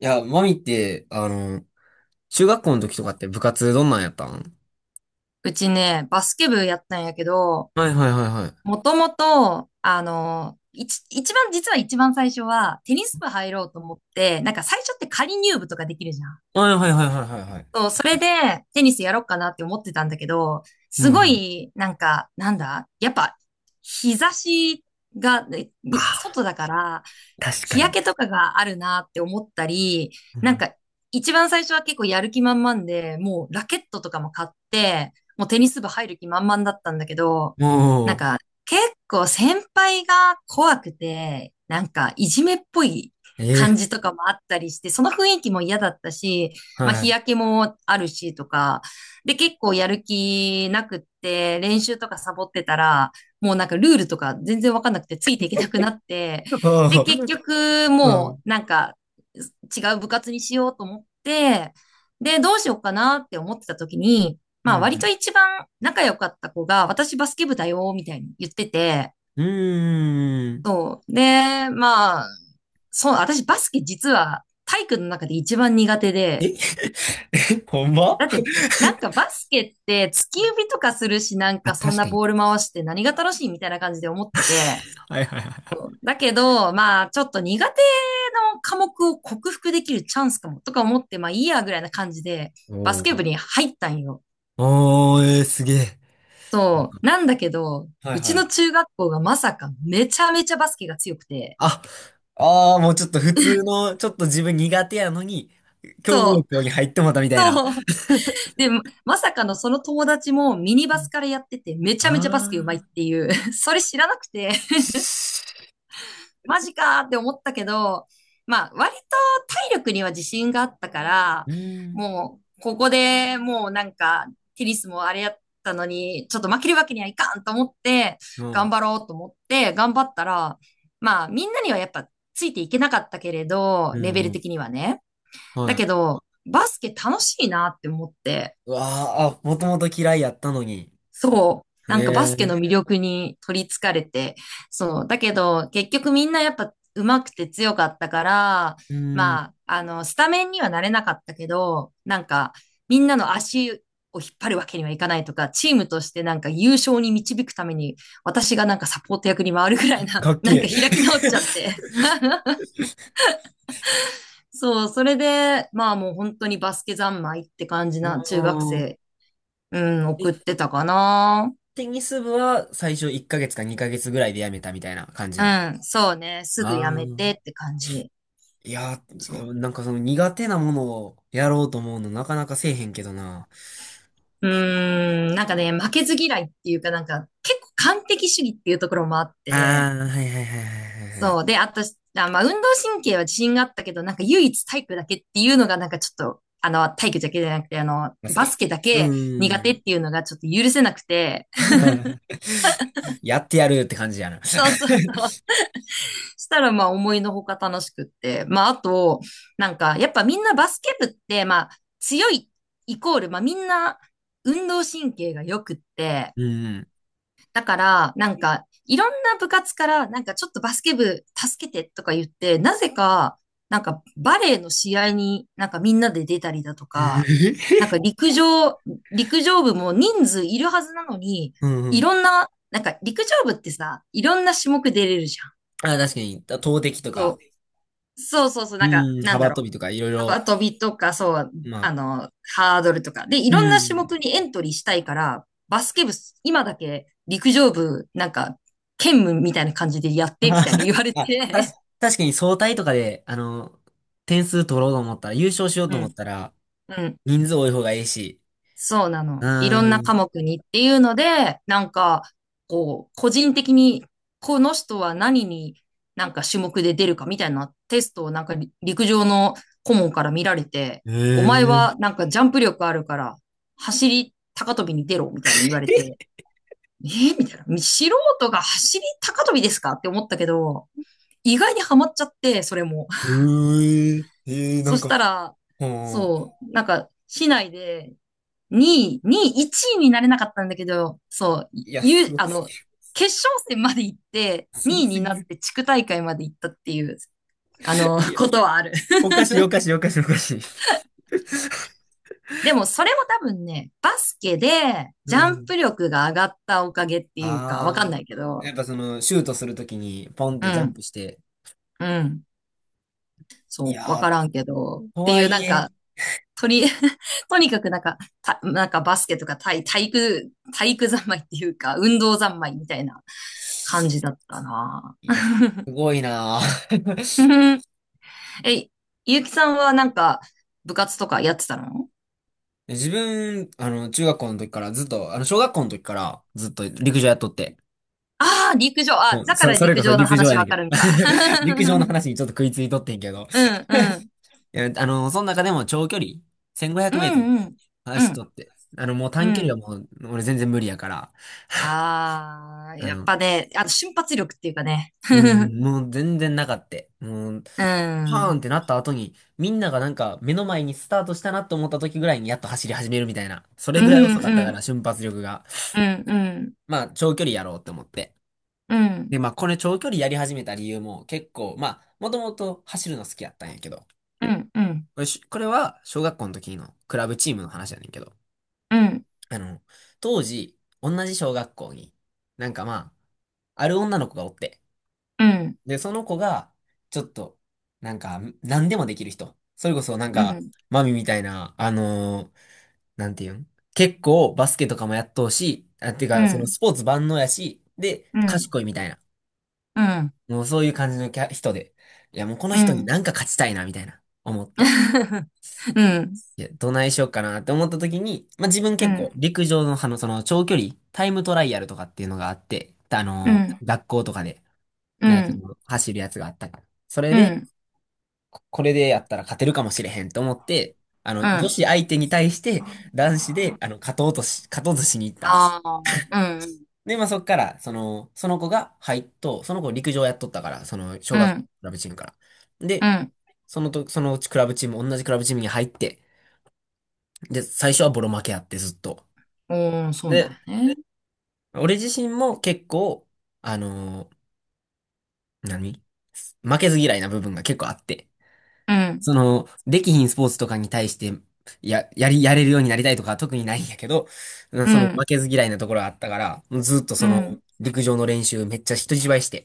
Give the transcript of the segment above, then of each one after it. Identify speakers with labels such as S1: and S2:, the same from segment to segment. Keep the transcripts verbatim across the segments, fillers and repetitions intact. S1: いや、マミって、あの、中学校の時とかって部活どんなんやったん？
S2: うちね、バスケ部やったんやけど、
S1: はいはいはいはい。
S2: もともと、あの、一、一番、実は一番最初は、テニス部入ろうと思って、なんか最初って仮入部とかできるじゃん。
S1: はいはいはいはいはいはい。
S2: そう、それで、テニスやろうかなって思ってたんだけど、
S1: う
S2: すご
S1: ん。
S2: い、なんか、なんだ、やっぱ、日差しが、ねに
S1: あ
S2: 外だから、
S1: あ、確か
S2: 日
S1: に。
S2: 焼けとかがあるなって思ったり、なんか一番最初は結構やる気満々で、もうラケットとかも買って、もうテニス部入る気満々だったんだけど、
S1: うん、おー。
S2: 結構先輩が怖くて、なんかいじめっぽい
S1: え
S2: 感
S1: え、
S2: じとかもあったりして、その雰囲気も嫌だったし、まあ
S1: は
S2: 日
S1: い。
S2: 焼けもあるしとか、で結構やる気なくって練習とかサボってたら、もうなんかルールとか全然わかんなくてついていけなくなって、で結
S1: はい、
S2: 局
S1: うん。
S2: もうなんか違う部活にしようと思って、でどうしようかなって思ってた時に、
S1: う
S2: まあ割と
S1: ん。
S2: 一番仲良かった子が、私バスケ部だよ、みたいに言ってて、
S1: うーん。
S2: そう。で、まあ、そう、私バスケ実は体育の中で一番苦手
S1: え
S2: で、
S1: え、ほんま？
S2: だって、なんかバスケって突き指とかするし、なん
S1: あ、
S2: かそん
S1: 確
S2: な
S1: かに。
S2: ボール回して何が楽しいみたいな感じで思ってて、
S1: はいはいはい。
S2: そうだけど、まあ、ちょっと苦手の科目を克服できるチャンスかも、とか思って、まあいいやぐらいな感じで、
S1: お
S2: バスケ部
S1: ー、
S2: に入ったんよ。
S1: おー、えー、すげえ。
S2: そう。なんだけど、
S1: はい
S2: う
S1: は
S2: ちの
S1: い。
S2: 中学校がまさかめちゃめちゃバスケが強くて。
S1: あ、ああ、もうちょっと普通の、ちょっと自分苦手やのに、強豪
S2: そう。
S1: 校に入ってもうたみたいな。
S2: そう。で、まさかのその友達もミニバスからやっててめち
S1: あ
S2: ゃめちゃバスケ上手いって
S1: あ、
S2: いう、それ知らなくて。マジかーって思ったけど、まあ、割と体力には自信があったから、
S1: うーん、
S2: もう、ここでもうなんか、テニスもあれやったのに、ちょっと負けるわけにはいかんと思って、
S1: う
S2: 頑
S1: ん、
S2: 張ろうと思って、頑張ったら、まあ、みんなにはやっぱついていけなかったけれど、
S1: う
S2: レベ
S1: ん、う
S2: ル
S1: ん、
S2: 的にはね。
S1: は
S2: だ
S1: い。
S2: けど、バスケ楽しいなって思って、
S1: うわあ、あ、もともと嫌いやったのに。
S2: そう。
S1: え
S2: なんかバスケ
S1: え、
S2: の魅力に取り憑かれて。そう。だけど、結局みんなやっぱ上手くて強かったから、
S1: うん、
S2: まあ、あの、スタメンにはなれなかったけど、なんか、みんなの足を引っ張るわけにはいかないとか、チームとしてなんか優勝に導くために、私がなんかサポート役に回るぐらいな、
S1: かっ
S2: なん
S1: け
S2: か
S1: え。
S2: 開き直っちゃって。そう。それで、まあもう本当にバスケ三昧って感じ
S1: う
S2: な中学
S1: ーん。
S2: 生、うん、送ってたかな。
S1: テニス部は最初いっかげつかにかげつぐらいでやめたみたいな感じ
S2: う
S1: なん？
S2: ん、そうね。すぐや
S1: あ
S2: めてっ
S1: あ。
S2: て感じ。
S1: いや
S2: そう。
S1: ー、なんかその苦手なものをやろうと思うのなかなかせえへんけどな。
S2: うーん、なんかね、負けず嫌いっていうかなんか、結構完璧主義っていうところもあっ
S1: あ
S2: て、
S1: あ、はいはいはいはいはいはい。
S2: そう。で、あと、あ、まあ、運動神経は自信があったけど、なんか唯一体育だけっていうのがなんかちょっと、あの、体育だけじゃなくて、あの、
S1: バス
S2: バス
S1: ケ。
S2: ケだ
S1: う
S2: け苦
S1: ー
S2: 手
S1: ん。
S2: っていうのがちょっと許せなくて、
S1: やってやるって感じやな。
S2: そうそうそう。したら、まあ、思いのほか楽しくって。まあ、あと、なんか、やっぱみんなバスケ部って、まあ、強いイコール、まあ、みんな運動神経が良くって、
S1: うん。
S2: だから、なんか、いろんな部活から、なんかちょっとバスケ部助けてとか言って、なぜか、なんかバレーの試合になんかみんなで出たりだと
S1: え
S2: か、
S1: ー
S2: なんか陸上、陸上部も人数いるはずなのに、
S1: うん、う
S2: い
S1: ん。
S2: ろんな、なんか陸上部ってさ、いろんな種目出れるじゃん。
S1: あ、確かに、投擲と
S2: そう。
S1: か、
S2: そうそうそう、なんか、
S1: うん、
S2: なんだ
S1: 幅跳
S2: ろう。
S1: びとかいろいろ、
S2: 幅跳びとか、そう、
S1: まあ、
S2: あの、ハードルとか。で、い
S1: う
S2: ろんな種
S1: ん。
S2: 目にエントリーしたいから、バスケ部、今だけ陸上部、なんか、兼務みたいな感じでやって、みたいに 言われて、
S1: あ、あたし確かに総体とかで、あの、点数取ろうと思ったら、優勝しよ う
S2: う
S1: と思っ
S2: ん、
S1: たら、
S2: うん。
S1: 人数多い方がいいし。
S2: そうな
S1: う
S2: の。いろんな科
S1: ん。
S2: 目にっていうので、なんか、こう、個人的に、この人は何になんか種目で出るかみたいなテストをなんかり陸上の顧問から見られて、
S1: え
S2: お前
S1: ー、
S2: はなんかジャンプ力あるから、走り高跳びに出ろみたいに言われて、えーみたいな。素人が走り高跳びですかって思ったけど、意外にハマっちゃって、それも。
S1: うー、えー、な
S2: そ
S1: ん
S2: し
S1: か、
S2: たら、
S1: うん、
S2: そう、なんか、市内でにい、にい、いちいになれなかったんだけど、そう、
S1: いや、す
S2: ゆ、
S1: ご
S2: あ
S1: す
S2: の、
S1: ぎる。
S2: 決勝戦まで行って、
S1: すご
S2: にい
S1: す
S2: に
S1: ぎ
S2: なっ
S1: る。
S2: て地区大会まで行ったっていう、あの、
S1: いや、
S2: ことはある。
S1: おかしい、おかしい、おかしい、おかしい。
S2: でも、それも多分ね、バスケで
S1: う
S2: ジャン
S1: ん。
S2: プ力が上がったおかげっていうか、わか
S1: あ
S2: ん
S1: あ。
S2: ないけ
S1: や
S2: ど、
S1: っぱその、シュートするときに、ポンっ
S2: う
S1: てジャン
S2: ん、
S1: プして、
S2: うん、
S1: い
S2: そ
S1: や
S2: う、わ
S1: ー、
S2: からんけど、っ
S1: と
S2: て
S1: は
S2: いうな
S1: い
S2: ん
S1: え、
S2: か、とり、とにかくなんか、た、なんかバスケとか体、体育、体育三昧っていうか、運動三昧みたいな感じだったな
S1: いや、す ごいなー。 自分、あの、中学校の時からずっと、あの、小学校の時からずっと陸上やっとって。うん、そ、それこそ陸上やねんけど。陸上の話にちょっと食いついとってんけど。いやあの、その中でも長距離、せんごひゃくメートルとか走っとって。あの、もう短距離はもう、俺全然無理やから。あの、うん、もう全然なかった。もう、パーンってなった後に、みんながなんか目の前にスタートしたなと思った時ぐらいにやっと走り始めるみたいな。それぐらい遅かったから、瞬発力が。まあ、長距離やろうって思って。で、まあ、これ長距離やり始めた理由も結構、まあ、もともと走るの好きやったんやけど、これし、これは小学校の時のクラブチームの話やねんけど、あの、当時、同じ小学校に、なんかまあ、ある女の子がおって、で、その子が、ちょっと、なんか、何でもできる人。それこそ、なんか、マミみたいな、あのーなんていうん、結構、バスケとかもやっとうし、あ、てか、そのスポーツ万能やし、で、賢いみたいな。もうそういう感じのキャ人で、いや、もうこの人になんか勝ちたいな、みたいな、思って。いや、どないしようかなって思った時に、まあ、自分結構、陸上の、あの、その、長距離、タイムトライアルとかっていうのがあって、あのー学校とかで、なんかその、走るやつがあったから。それで、これでやったら勝てるかもしれへんと思って、あの、女子相手に対して男子で、あの、勝とうとし、勝とうとしに行ったの。
S2: ああ、うん
S1: で、まあ、そっから、その、その子が入っと、その子陸上やっとったから、その、小
S2: う
S1: 学校の
S2: ん、
S1: クラブチームから。
S2: う
S1: で、
S2: ん、
S1: そのと、そのうちクラブチーム、同じクラブチームに入って、で、最初はボロ負けあって、ずっと。
S2: おー、そうな
S1: で、
S2: んやね。
S1: 俺自身も結構、あのー何負けず嫌いな部分が結構あって。
S2: うん、
S1: その、できひんスポーツとかに対して、や、やり、やれるようになりたいとかは特にないんやけど、うん、
S2: う
S1: その負
S2: ん、
S1: けず嫌いなところはあったから、もうずっと
S2: う
S1: その、
S2: ん、
S1: 陸上の練習めっちゃ人一倍して。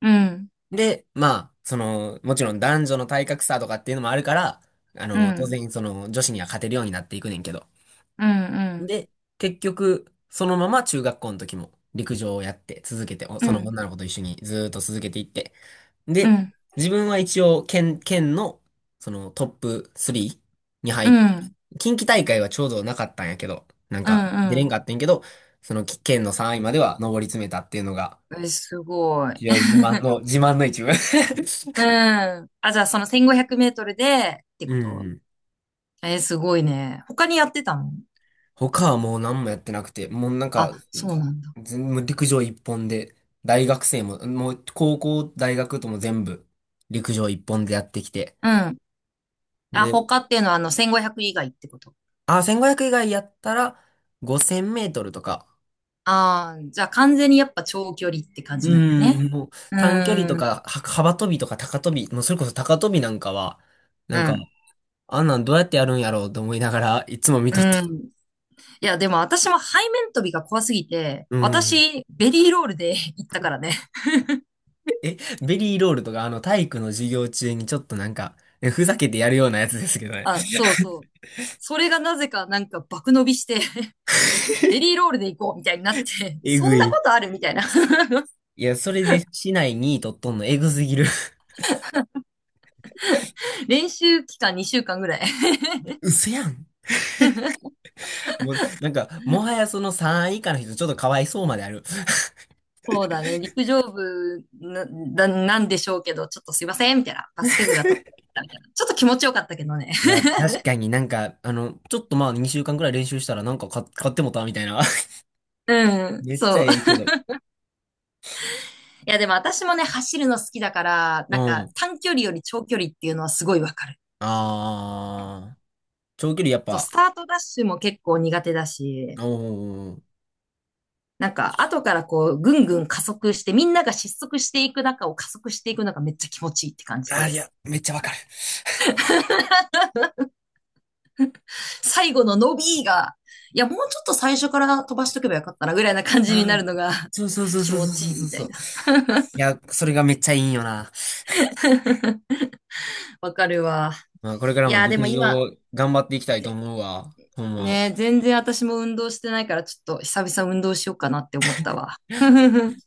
S2: うん、
S1: で、まあ、その、もちろん男女の体格差とかっていうのもあるから、あ
S2: う
S1: の、当
S2: ん、
S1: 然その、女子には勝てるようになっていくねんけど。
S2: うん、うん、
S1: で、結局、そのまま中学校の時も陸上をやって続けて、お
S2: うん、
S1: そ
S2: う
S1: の
S2: ん、
S1: 女の子と一緒にずーっと続けていって、で、自分は一応県、県の、そのトップスリーに入って、近畿大会はちょうどなかったんやけど、なん
S2: う
S1: か出
S2: ん、
S1: れん
S2: う
S1: かったんやけど、その県のさんいまでは上り詰めたっていうのが、
S2: ん。え、すごい。
S1: 一応自慢 の、自慢の一部。
S2: うん。あ、じゃあ、そのせんごひゃくメートルで、って
S1: う
S2: こと。
S1: ん。
S2: え、すごいね。他にやってたの？
S1: 他はもう何もやってなくて、もうなんか、
S2: あ、そうなんだ。
S1: 全もう陸上一本で、大学生も、もう高校、大学とも全部陸上一本でやってきて。
S2: うん。あ、
S1: で、
S2: 他っていうのは、あの、せんごひゃく以外ってこと？
S1: あ、せんごひゃく以外やったら、ごせんメートルとか、
S2: ああー、じゃあ、完全にやっぱ長距離って感
S1: う
S2: じなんやね。
S1: ん、もう
S2: う
S1: 短距離
S2: ー
S1: と
S2: ん、
S1: か、は幅跳びとか高跳び、もうそれこそ高跳びなんかは、な
S2: う
S1: んか、
S2: ん、
S1: あんなんどうやってやるんやろうと思いながら いつも見
S2: う
S1: とった。
S2: ん。いや、でも私も背面跳びが怖すぎて、
S1: うん。
S2: 私、ベリーロールで 行ったからね。
S1: え、ベリーロールとか、あの体育の授業中にちょっとなんか、えふざけてやるようなやつですけどね。
S2: あ、そうそう。それがなぜかなんか爆伸びして ベリーロールで行こうみたいになって、
S1: え
S2: そ
S1: ぐ
S2: んなこ
S1: い。
S2: とあるみたいな。
S1: いや、それで市内に位取っとんのえぐすぎる。
S2: 練習期間にしゅうかんぐらい。
S1: 嘘やん。もう、なんか、もはやそのさんい以下の人ちょっとかわいそうまである。
S2: そうだね。陸上部な、な、なんでしょうけど、ちょっとすいません、みたいな。バスケ部が取ったみたいな。ちょっと気持ちよかったけどね。
S1: いや、確かになんか、あの、ちょっとまあにしゅうかんくらい練習したらなんか買買ってもたみたいな。
S2: うん、
S1: めっちゃ
S2: そう。
S1: ええけど。
S2: いや、でも私もね、走るの好きだから、
S1: う
S2: なんか
S1: ん。
S2: 短距離より長距離っていうのはすごいわかる。
S1: ああ、長距離やっ
S2: そう、ス
S1: ぱ、
S2: タートダッシュも結構苦手だし、
S1: うん。
S2: なんか、後からこう、ぐんぐん加速して、みんなが失速していく中を加速していくのがめっちゃ気持ちいいって感じ
S1: ああ、い
S2: で、
S1: や、めっちゃわかる。
S2: 最後の伸びが、いや、もうちょっと最初から飛ばしとけばよかったな、ぐらいな感じに
S1: あ
S2: な
S1: あ、
S2: るのが
S1: そうそう そう
S2: 気
S1: そう
S2: 持
S1: そう
S2: ちいい
S1: そう
S2: みた
S1: そ
S2: い
S1: う。
S2: な。
S1: いや、それがめっちゃいいんよな。
S2: わかるわ。
S1: まあ、これから
S2: い
S1: も
S2: や、で
S1: 陸
S2: も今、
S1: 上頑張っていきたいと思うわ。ほんま。
S2: ね、全然私も運動してないから、ちょっと久々運動しようかなって思ったわ。